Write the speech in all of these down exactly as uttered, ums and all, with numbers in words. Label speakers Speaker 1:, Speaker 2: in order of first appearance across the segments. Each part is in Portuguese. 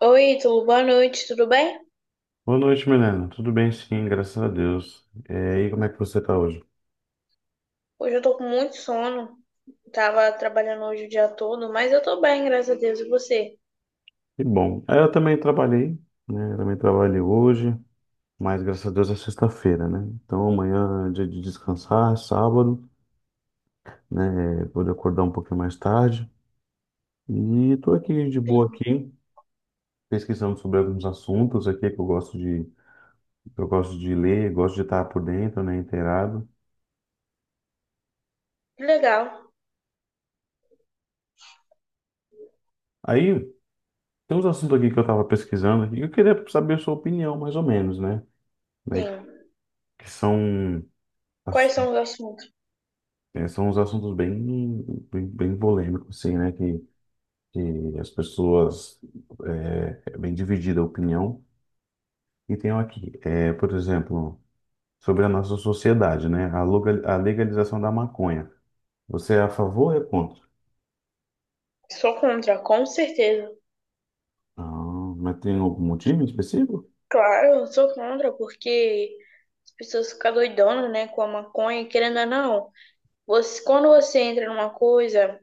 Speaker 1: Oi, Ítalo, boa noite, tudo bem?
Speaker 2: Boa noite, Milena. Tudo bem, sim, graças a Deus. É, e como é que você está hoje?
Speaker 1: Hoje eu tô com muito sono. Tava trabalhando hoje o dia todo, mas eu tô bem, graças a Deus. E você?
Speaker 2: Que bom. É, Eu também trabalhei, né? Eu também trabalhei hoje, mas graças a Deus é sexta-feira, né? Então amanhã é dia de descansar, é sábado, né? Vou acordar um pouquinho mais tarde. E tô aqui de boa
Speaker 1: Sim.
Speaker 2: aqui, pesquisando sobre alguns assuntos aqui que eu gosto de, que eu gosto de ler, gosto de estar por dentro, né? Inteirado.
Speaker 1: Que legal.
Speaker 2: Aí tem uns assuntos aqui que eu estava pesquisando e eu queria saber a sua opinião, mais ou menos, né? Né, Que
Speaker 1: Sim.
Speaker 2: que são
Speaker 1: Quais
Speaker 2: Ass-
Speaker 1: são os assuntos?
Speaker 2: é, são uns assuntos bem, bem, bem polêmicos, assim, né? Que, que as pessoas. É, é bem dividida a opinião. E tem aqui, é, por exemplo, sobre a nossa sociedade, né? A, loga- a legalização da maconha. Você é a favor ou é contra?
Speaker 1: Sou contra, com certeza.
Speaker 2: Ah, mas tem algum motivo específico?
Speaker 1: Claro, eu sou contra, porque as pessoas ficam doidonas, né, com a maconha, querendo ou não. Você, quando você entra numa coisa,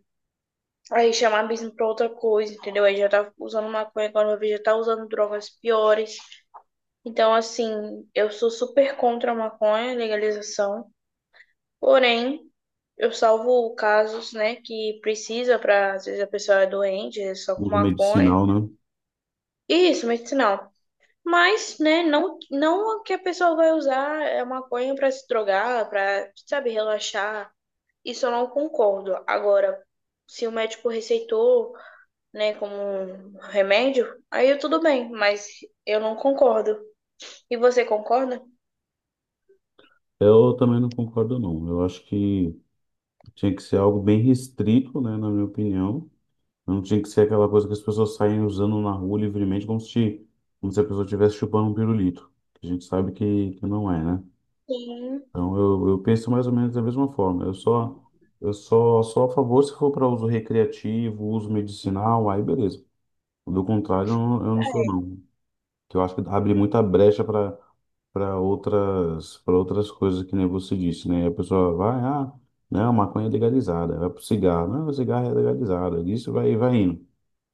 Speaker 1: aí chama abismo pra outra coisa, entendeu? Aí já tá usando maconha, quando eu vejo, já tá usando drogas piores. Então, assim, eu sou super contra a maconha, legalização. Porém, eu salvo casos, né, que precisa para, às vezes a pessoa é doente, é só com
Speaker 2: Uso
Speaker 1: maconha.
Speaker 2: medicinal, né?
Speaker 1: E isso, medicinal. Mas, né, não não que a pessoa vai usar a maconha para se drogar, para, sabe, relaxar. Isso eu não concordo. Agora, se o médico receitou, né, como um remédio, aí tudo bem, mas eu não concordo. E você concorda?
Speaker 2: Eu também não concordo, não. Eu acho que tinha que ser algo bem restrito, né? Na minha opinião. Não tinha que ser aquela coisa que as pessoas saem usando na rua livremente, como se, como se a pessoa estivesse chupando um pirulito, que a gente sabe que, que não é, né?
Speaker 1: Sim.
Speaker 2: Então eu, eu penso mais ou menos da mesma forma. Eu só, eu só, só a favor se for para uso recreativo, uso medicinal, aí beleza. Do contrário, eu não, eu não sou não. Que eu acho que abre muita brecha para para outras para outras coisas que nem você disse, né? A pessoa vai, ah, não, maconha é legalizada, vai pro cigarro, não, o cigarro é legalizado, isso vai vai indo,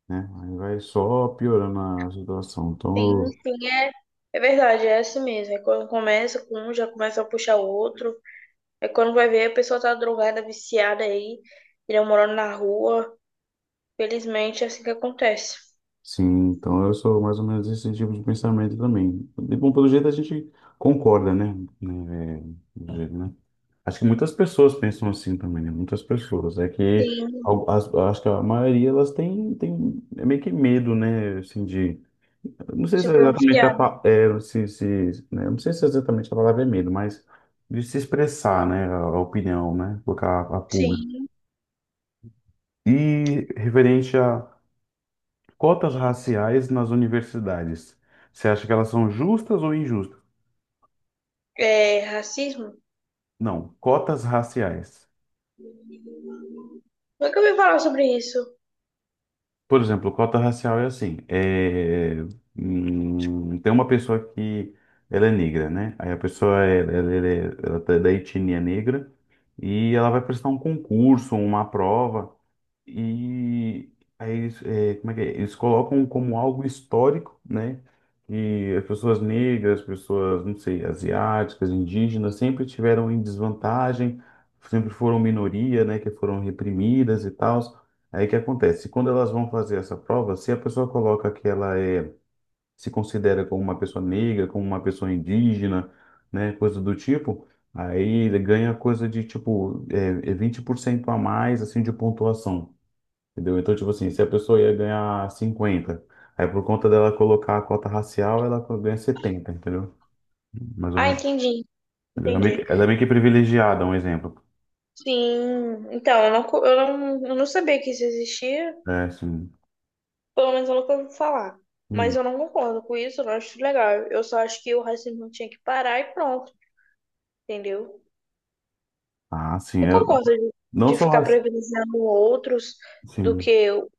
Speaker 2: né? Aí vai só piorando a situação. Então,
Speaker 1: Sim,
Speaker 2: eu-
Speaker 1: sim, é, é verdade, é assim mesmo. É quando começa com um, já começa a puxar o outro. É quando vai ver, a pessoa tá drogada, viciada aí, ele morando na rua. Felizmente, é assim que acontece.
Speaker 2: sim, então eu sou mais ou menos esse tipo de pensamento também. E, bom, pelo jeito a gente concorda, né? Né, é, do jeito, né? Acho que muitas pessoas pensam assim também, né? Muitas pessoas. É que
Speaker 1: Sim,
Speaker 2: al- as- acho que a maioria elas têm, têm é meio que medo, né? Assim, de. Não sei
Speaker 1: se
Speaker 2: se é exatamente a,
Speaker 1: pronunciar.
Speaker 2: pa- é, se, se, né? Não sei se é exatamente a palavra é medo, mas de se expressar, né? A, a opinião, né? Colocar a, a público.
Speaker 1: Sim,
Speaker 2: E referente a cotas raciais nas universidades. Você acha que elas são justas ou injustas?
Speaker 1: é racismo?
Speaker 2: Não, cotas raciais.
Speaker 1: Nunca ouvi falar sobre isso.
Speaker 2: Por exemplo, cota racial é assim: é, hum, tem uma pessoa que ela é negra, né? Aí a pessoa é, ela, ela é ela tá da etnia negra e ela vai prestar um concurso, uma prova. E aí eles, é, como é que é? Eles colocam como algo histórico, né? Que as pessoas negras, pessoas, não sei, asiáticas, indígenas, sempre tiveram em desvantagem, sempre foram minoria, né? Que foram reprimidas e tal. Aí o que acontece? Quando elas vão fazer essa prova, se a pessoa coloca que ela é, se considera como uma pessoa negra, como uma pessoa indígena, né? Coisa do tipo. Aí ele ganha coisa de tipo é, por cento a mais assim de pontuação. Entendeu? Então, tipo assim, se a pessoa ia ganhar cinquenta, aí por conta dela colocar a cota racial, ela co- ganha setenta, entendeu? Mais ou
Speaker 1: Ah,
Speaker 2: menos.
Speaker 1: entendi,
Speaker 2: Entendeu? Ela é
Speaker 1: entendi.
Speaker 2: meio que ela é meio que privilegiada, um exemplo.
Speaker 1: Sim, então, eu não, co- eu não, eu não sabia que isso existia,
Speaker 2: É, sim.
Speaker 1: pelo menos eu nunca ouvi falar. Mas
Speaker 2: Hum.
Speaker 1: eu não concordo com isso, eu não acho legal. Eu só acho que o racismo tinha que parar e pronto, entendeu?
Speaker 2: Ah, sim.
Speaker 1: Eu
Speaker 2: Eu,
Speaker 1: concordo de,
Speaker 2: não
Speaker 1: de
Speaker 2: só
Speaker 1: ficar
Speaker 2: raci-
Speaker 1: privilegiando outros do
Speaker 2: Sim.
Speaker 1: que o-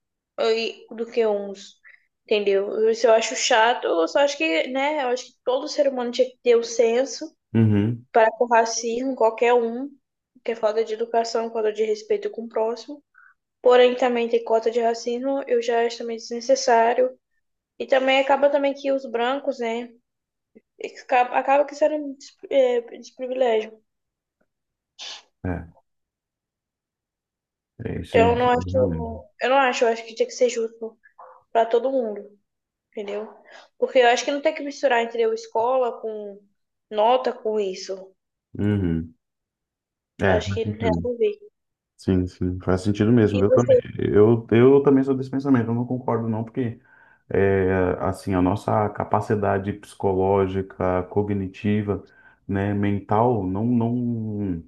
Speaker 1: e- do que uns, entendeu? Isso eu acho chato, eu só acho que, né, eu acho que todo ser humano tinha que ter o senso
Speaker 2: Uhum.
Speaker 1: para com o racismo, qualquer um, que é falta de educação, falta de respeito com o próximo. Porém, também tem cota de racismo, eu já acho também desnecessário. E também acaba também que os brancos, né, acaba, acaba que serem des- é, desprivilégio.
Speaker 2: É. É isso
Speaker 1: Então,
Speaker 2: aí.
Speaker 1: eu não
Speaker 2: Isso aí,
Speaker 1: acho,
Speaker 2: realmente.
Speaker 1: eu não acho, eu acho que tinha que ser justo para todo mundo, entendeu? Porque eu acho que não tem que misturar, entendeu? Escola com nota com isso.
Speaker 2: Uhum. É.
Speaker 1: Acho
Speaker 2: Faz
Speaker 1: que não tem
Speaker 2: sentido.
Speaker 1: nada a ver.
Speaker 2: Sim, sim, faz sentido
Speaker 1: E
Speaker 2: mesmo. Eu também,
Speaker 1: você?
Speaker 2: eu, eu também sou desse pensamento, eu não concordo não, porque é, assim, a nossa capacidade psicológica, cognitiva, né, mental, não, não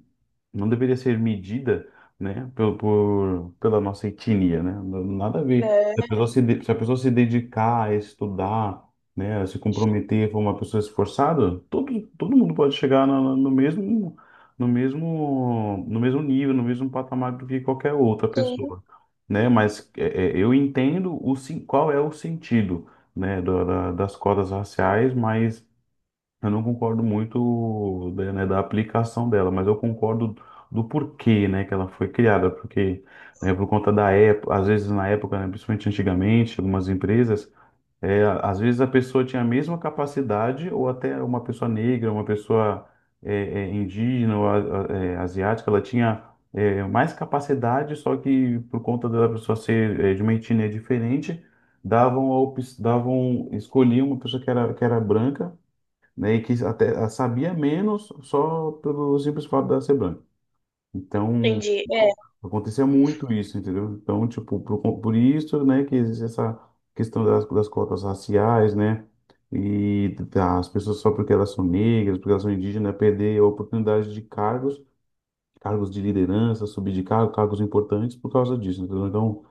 Speaker 2: não deveria ser medida, né, por, por- pela nossa etnia, né? Não- Nada a ver. Se a
Speaker 1: É,
Speaker 2: pessoa se, de- se a pessoa se dedicar a estudar, né, a se comprometer, for uma pessoa esforçada, todo, todo mundo pode chegar na- na- no, mesmo no mesmo no mesmo nível, no mesmo patamar do que qualquer outra
Speaker 1: sim,
Speaker 2: pessoa, né? Mas é, é, eu entendo o sen- qual é o sentido, né, da- da- das cotas raciais, mas eu não concordo muito da, né, da aplicação dela, mas eu concordo do porquê, né, que ela foi criada, porque, né, por conta da época, às vezes na época, né, principalmente antigamente, algumas empresas, é, às vezes a pessoa tinha a mesma capacidade, ou até uma pessoa negra, uma pessoa é, é, indígena, ou a- a- é, asiática, ela tinha é, mais capacidade, só que por conta da pessoa ser é, de uma etnia diferente, davam, a op- davam, escolhiam uma pessoa que era, que era branca, né? E que até ah, sabia menos só pelo simples fato de ela ser branca. Então,
Speaker 1: entendi. É,
Speaker 2: acontecia muito isso, entendeu? Então, tipo, por, por isso, né, que existe essa questão das, das cotas raciais, né? E das pessoas só porque elas são negras, porque elas são indígenas, perder a oportunidade de cargos, cargos de liderança, subir de cargo, cargos importantes por causa disso, entendeu? Então,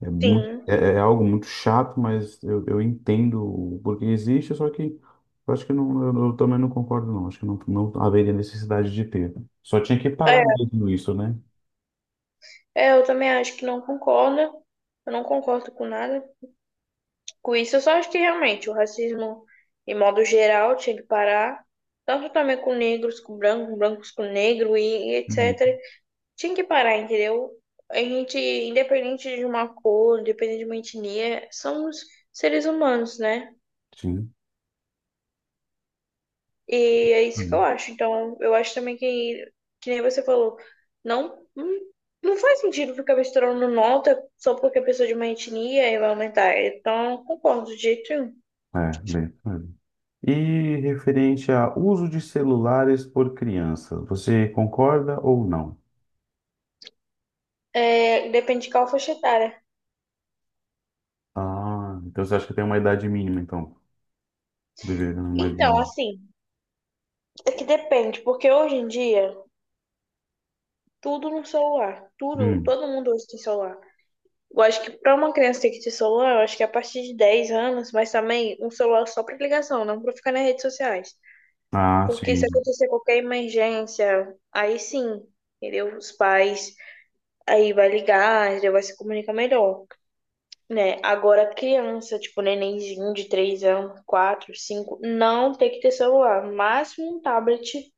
Speaker 2: é, muito,
Speaker 1: sim.
Speaker 2: é, é algo muito chato, mas eu, eu entendo o porquê existe, só que eu acho que não, eu, eu também não concordo, não. Acho que não, não haveria necessidade de ter. Só tinha que parar
Speaker 1: É,
Speaker 2: mesmo isso, né?
Speaker 1: é, eu também acho que não concordo. Eu não concordo com nada. Com isso, eu só acho que realmente o racismo, em modo geral, tinha que parar. Tanto também com negros, com brancos, brancos com negro e, e
Speaker 2: Hum,
Speaker 1: et cetera. Tinha que parar, entendeu? A gente, independente de uma cor, independente de uma etnia, somos seres humanos, né?
Speaker 2: sim.
Speaker 1: E é isso que eu
Speaker 2: Hum.
Speaker 1: acho. Então, eu acho também que, que nem você falou, não, não não faz sentido ficar misturando nota só porque a pessoa é de uma etnia e vai aumentar. Então, concordo, de jeito nenhum.
Speaker 2: É, bem. é. E referente a uso de celulares por crianças, você concorda ou não?
Speaker 1: É, depende de qual faixa etária.
Speaker 2: Ah, então você acha que tem uma idade mínima, então? Deveria, não, mas
Speaker 1: Então,
Speaker 2: não.
Speaker 1: assim, é que depende, porque hoje em dia, tudo no celular. Tudo,
Speaker 2: Hum.
Speaker 1: todo mundo hoje tem celular. Eu acho que para uma criança ter que ter celular, eu acho que é a partir de dez anos, mas também um celular só para ligação, não para ficar nas redes sociais.
Speaker 2: Ah,
Speaker 1: Porque se
Speaker 2: sim.
Speaker 1: acontecer qualquer emergência, aí sim, entendeu? Os pais aí vai ligar, já vai se comunicar melhor, né? Agora criança, tipo nenenzinho de três anos, quatro cinco não tem que ter celular, máximo um tablet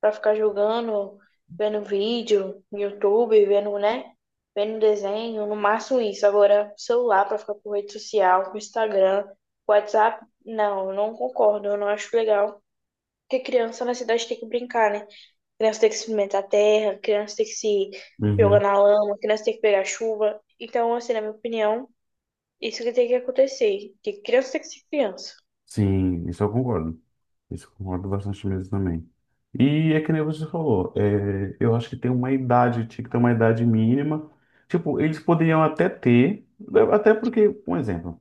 Speaker 1: pra ficar jogando, vendo vídeo no YouTube, vendo, né? Vendo desenho, no máximo isso. Agora, celular pra ficar com rede social, com Instagram, com WhatsApp, não, eu não concordo, eu não acho legal. Porque criança na cidade tem que brincar, né? Criança tem que experimentar a terra, criança tem que se jogar na lama, criança tem que pegar chuva. Então, assim, na minha opinião, isso que tem que acontecer. Que criança tem que ser criança.
Speaker 2: Sim, isso eu concordo. Isso eu concordo bastante mesmo também. E é que nem você falou, é, eu acho que tem uma idade, tinha que ter uma idade mínima. Tipo, eles poderiam até ter, até porque, um exemplo,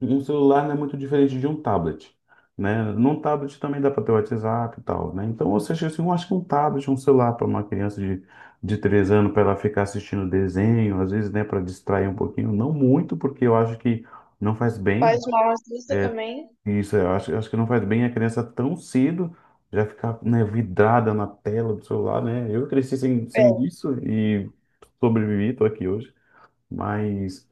Speaker 2: um celular não é muito diferente de um tablet, né? Num tablet também dá para ter WhatsApp e tal, né? Então, ou seja, assim, eu acho que um tablet, um celular para uma criança de, de três anos, para ela ficar assistindo desenho, às vezes, né, para distrair um pouquinho, não muito, porque eu acho que não faz bem
Speaker 1: Faz mal às vistas
Speaker 2: é,
Speaker 1: também.
Speaker 2: isso, eu acho, eu acho que não faz bem a criança tão cedo já ficar, né, vidrada na tela do celular, né? Eu cresci sem, sem
Speaker 1: É.
Speaker 2: isso e sobrevivi, tô aqui hoje. Mas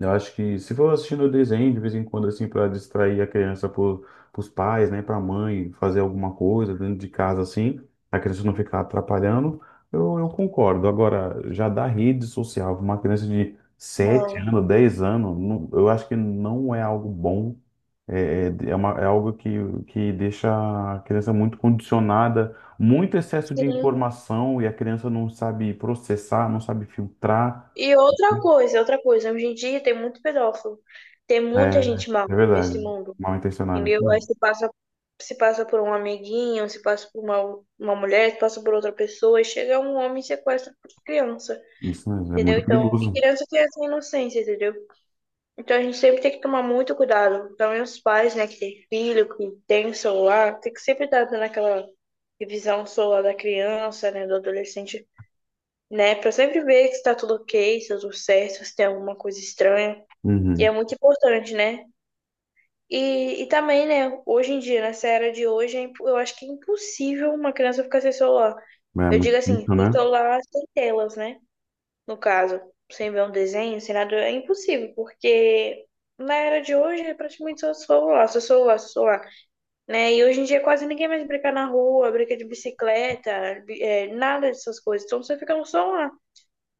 Speaker 2: eu acho que se for assistindo desenho de vez em quando, assim, para distrair a criança por, pros pais, né, pra mãe, fazer alguma coisa dentro de casa, assim, a criança não ficar atrapalhando, eu, eu concordo. Agora, já da rede social, uma criança de sete
Speaker 1: Não.
Speaker 2: anos, dez anos, não- eu acho que não é algo bom, é, é, é uma- é algo que, que deixa a criança muito condicionada, muito excesso de
Speaker 1: Sim,
Speaker 2: informação e a criança não sabe processar, não sabe filtrar.
Speaker 1: e outra coisa, outra coisa, hoje em dia tem muito pedófilo, tem
Speaker 2: É,
Speaker 1: muita gente mal
Speaker 2: é
Speaker 1: nesse
Speaker 2: verdade.
Speaker 1: mundo,
Speaker 2: Mal intencionado. Isso
Speaker 1: entendeu? Aí
Speaker 2: mesmo,
Speaker 1: se passa, se passa por um amiguinho, se passa por uma, uma mulher, se passa por outra pessoa, e chega um homem e sequestra criança,
Speaker 2: isso mesmo, é
Speaker 1: entendeu?
Speaker 2: muito
Speaker 1: Então, e
Speaker 2: perigoso.
Speaker 1: criança tem essa inocência, entendeu? Então a gente sempre tem que tomar muito cuidado, também os pais, né, que tem filho, que tem celular, tem que sempre estar dando aquela revisão celular da criança, né, do adolescente né? Pra sempre ver se tá tudo ok, se tá tudo certo, se tem alguma coisa estranha. E é
Speaker 2: Uhum.
Speaker 1: muito importante, né? E, e também, né, hoje em dia, nessa era de hoje, é impo- eu acho que é impossível uma criança ficar sem celular.
Speaker 2: É
Speaker 1: Eu
Speaker 2: muito
Speaker 1: digo assim,
Speaker 2: difícil,
Speaker 1: sem
Speaker 2: né?
Speaker 1: celular, sem telas, né? No caso, sem ver um desenho, sem nada, é impossível, porque na era de hoje é praticamente só celular, só celular, só celular, né? E hoje em dia quase ninguém mais brinca na rua, brinca de bicicleta, bi- é, nada dessas coisas. Então você fica no celular.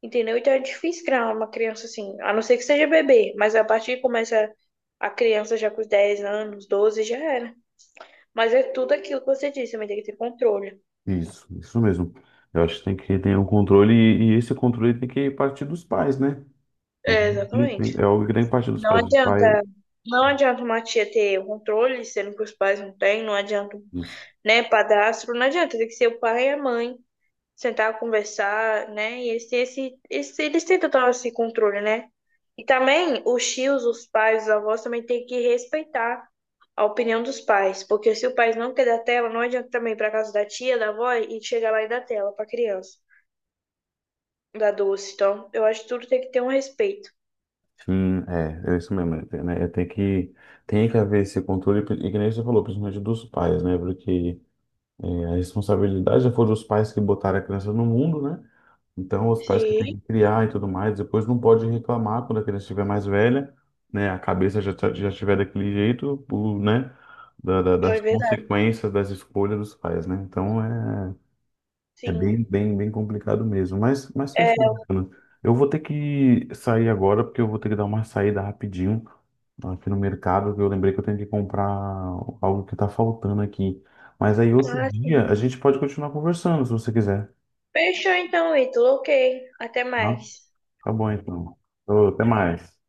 Speaker 1: Entendeu? Então é difícil criar uma criança assim, a não ser que seja bebê, mas a partir que começa a criança já com os dez anos, doze já era. Mas é tudo aquilo que você disse, também tem que ter controle.
Speaker 2: Isso, isso mesmo. Eu acho que tem que ter um controle e, e esse controle tem que partir dos pais, né?
Speaker 1: É,
Speaker 2: Tem-
Speaker 1: exatamente.
Speaker 2: tem- É algo que tem que partir dos
Speaker 1: Não
Speaker 2: pais. Dos pais.
Speaker 1: adianta, não adianta uma tia ter o controle, sendo que os pais não têm, não adianta,
Speaker 2: Isso.
Speaker 1: né, padrasto, não adianta, tem que ser o pai e a mãe, sentar, conversar, né, e esse, esse, esse, eles têm total esse controle, né? E também os tios, os pais, os avós também têm que respeitar a opinião dos pais, porque se o pai não quer dar tela, não adianta também ir para casa da tia, da avó e chegar lá e dar tela para criança, dar doce. Então, eu acho que tudo tem que ter um respeito.
Speaker 2: Sim, é, é isso mesmo. É, tem, né? É, tem que, tem que haver esse controle, e que nem você falou, principalmente dos pais, né? Porque a responsabilidade já foi dos pais que botaram a criança no mundo, né? Então, os pais que têm
Speaker 1: Sim,
Speaker 2: que criar e tudo mais, depois não pode reclamar quando a criança estiver mais velha, né? A cabeça já, tá- já estiver daquele jeito, o, né? da- da-
Speaker 1: é
Speaker 2: das
Speaker 1: verdade.
Speaker 2: consequências das escolhas dos pais, né? Então, é, é
Speaker 1: Sim.
Speaker 2: bem, bem, bem complicado mesmo. Mas, mas
Speaker 1: É,
Speaker 2: fechou, bacana. Eu vou ter que sair agora, porque eu vou ter que dar uma saída rapidinho aqui no mercado, que eu lembrei que eu tenho que comprar algo que tá faltando aqui. Mas aí, outro
Speaker 1: ah,
Speaker 2: dia,
Speaker 1: sim.
Speaker 2: a gente pode continuar conversando, se você quiser.
Speaker 1: Fechou então, Ítalo. Ok. Até
Speaker 2: Tá?
Speaker 1: mais.
Speaker 2: Tá bom, então. Ô, até mais.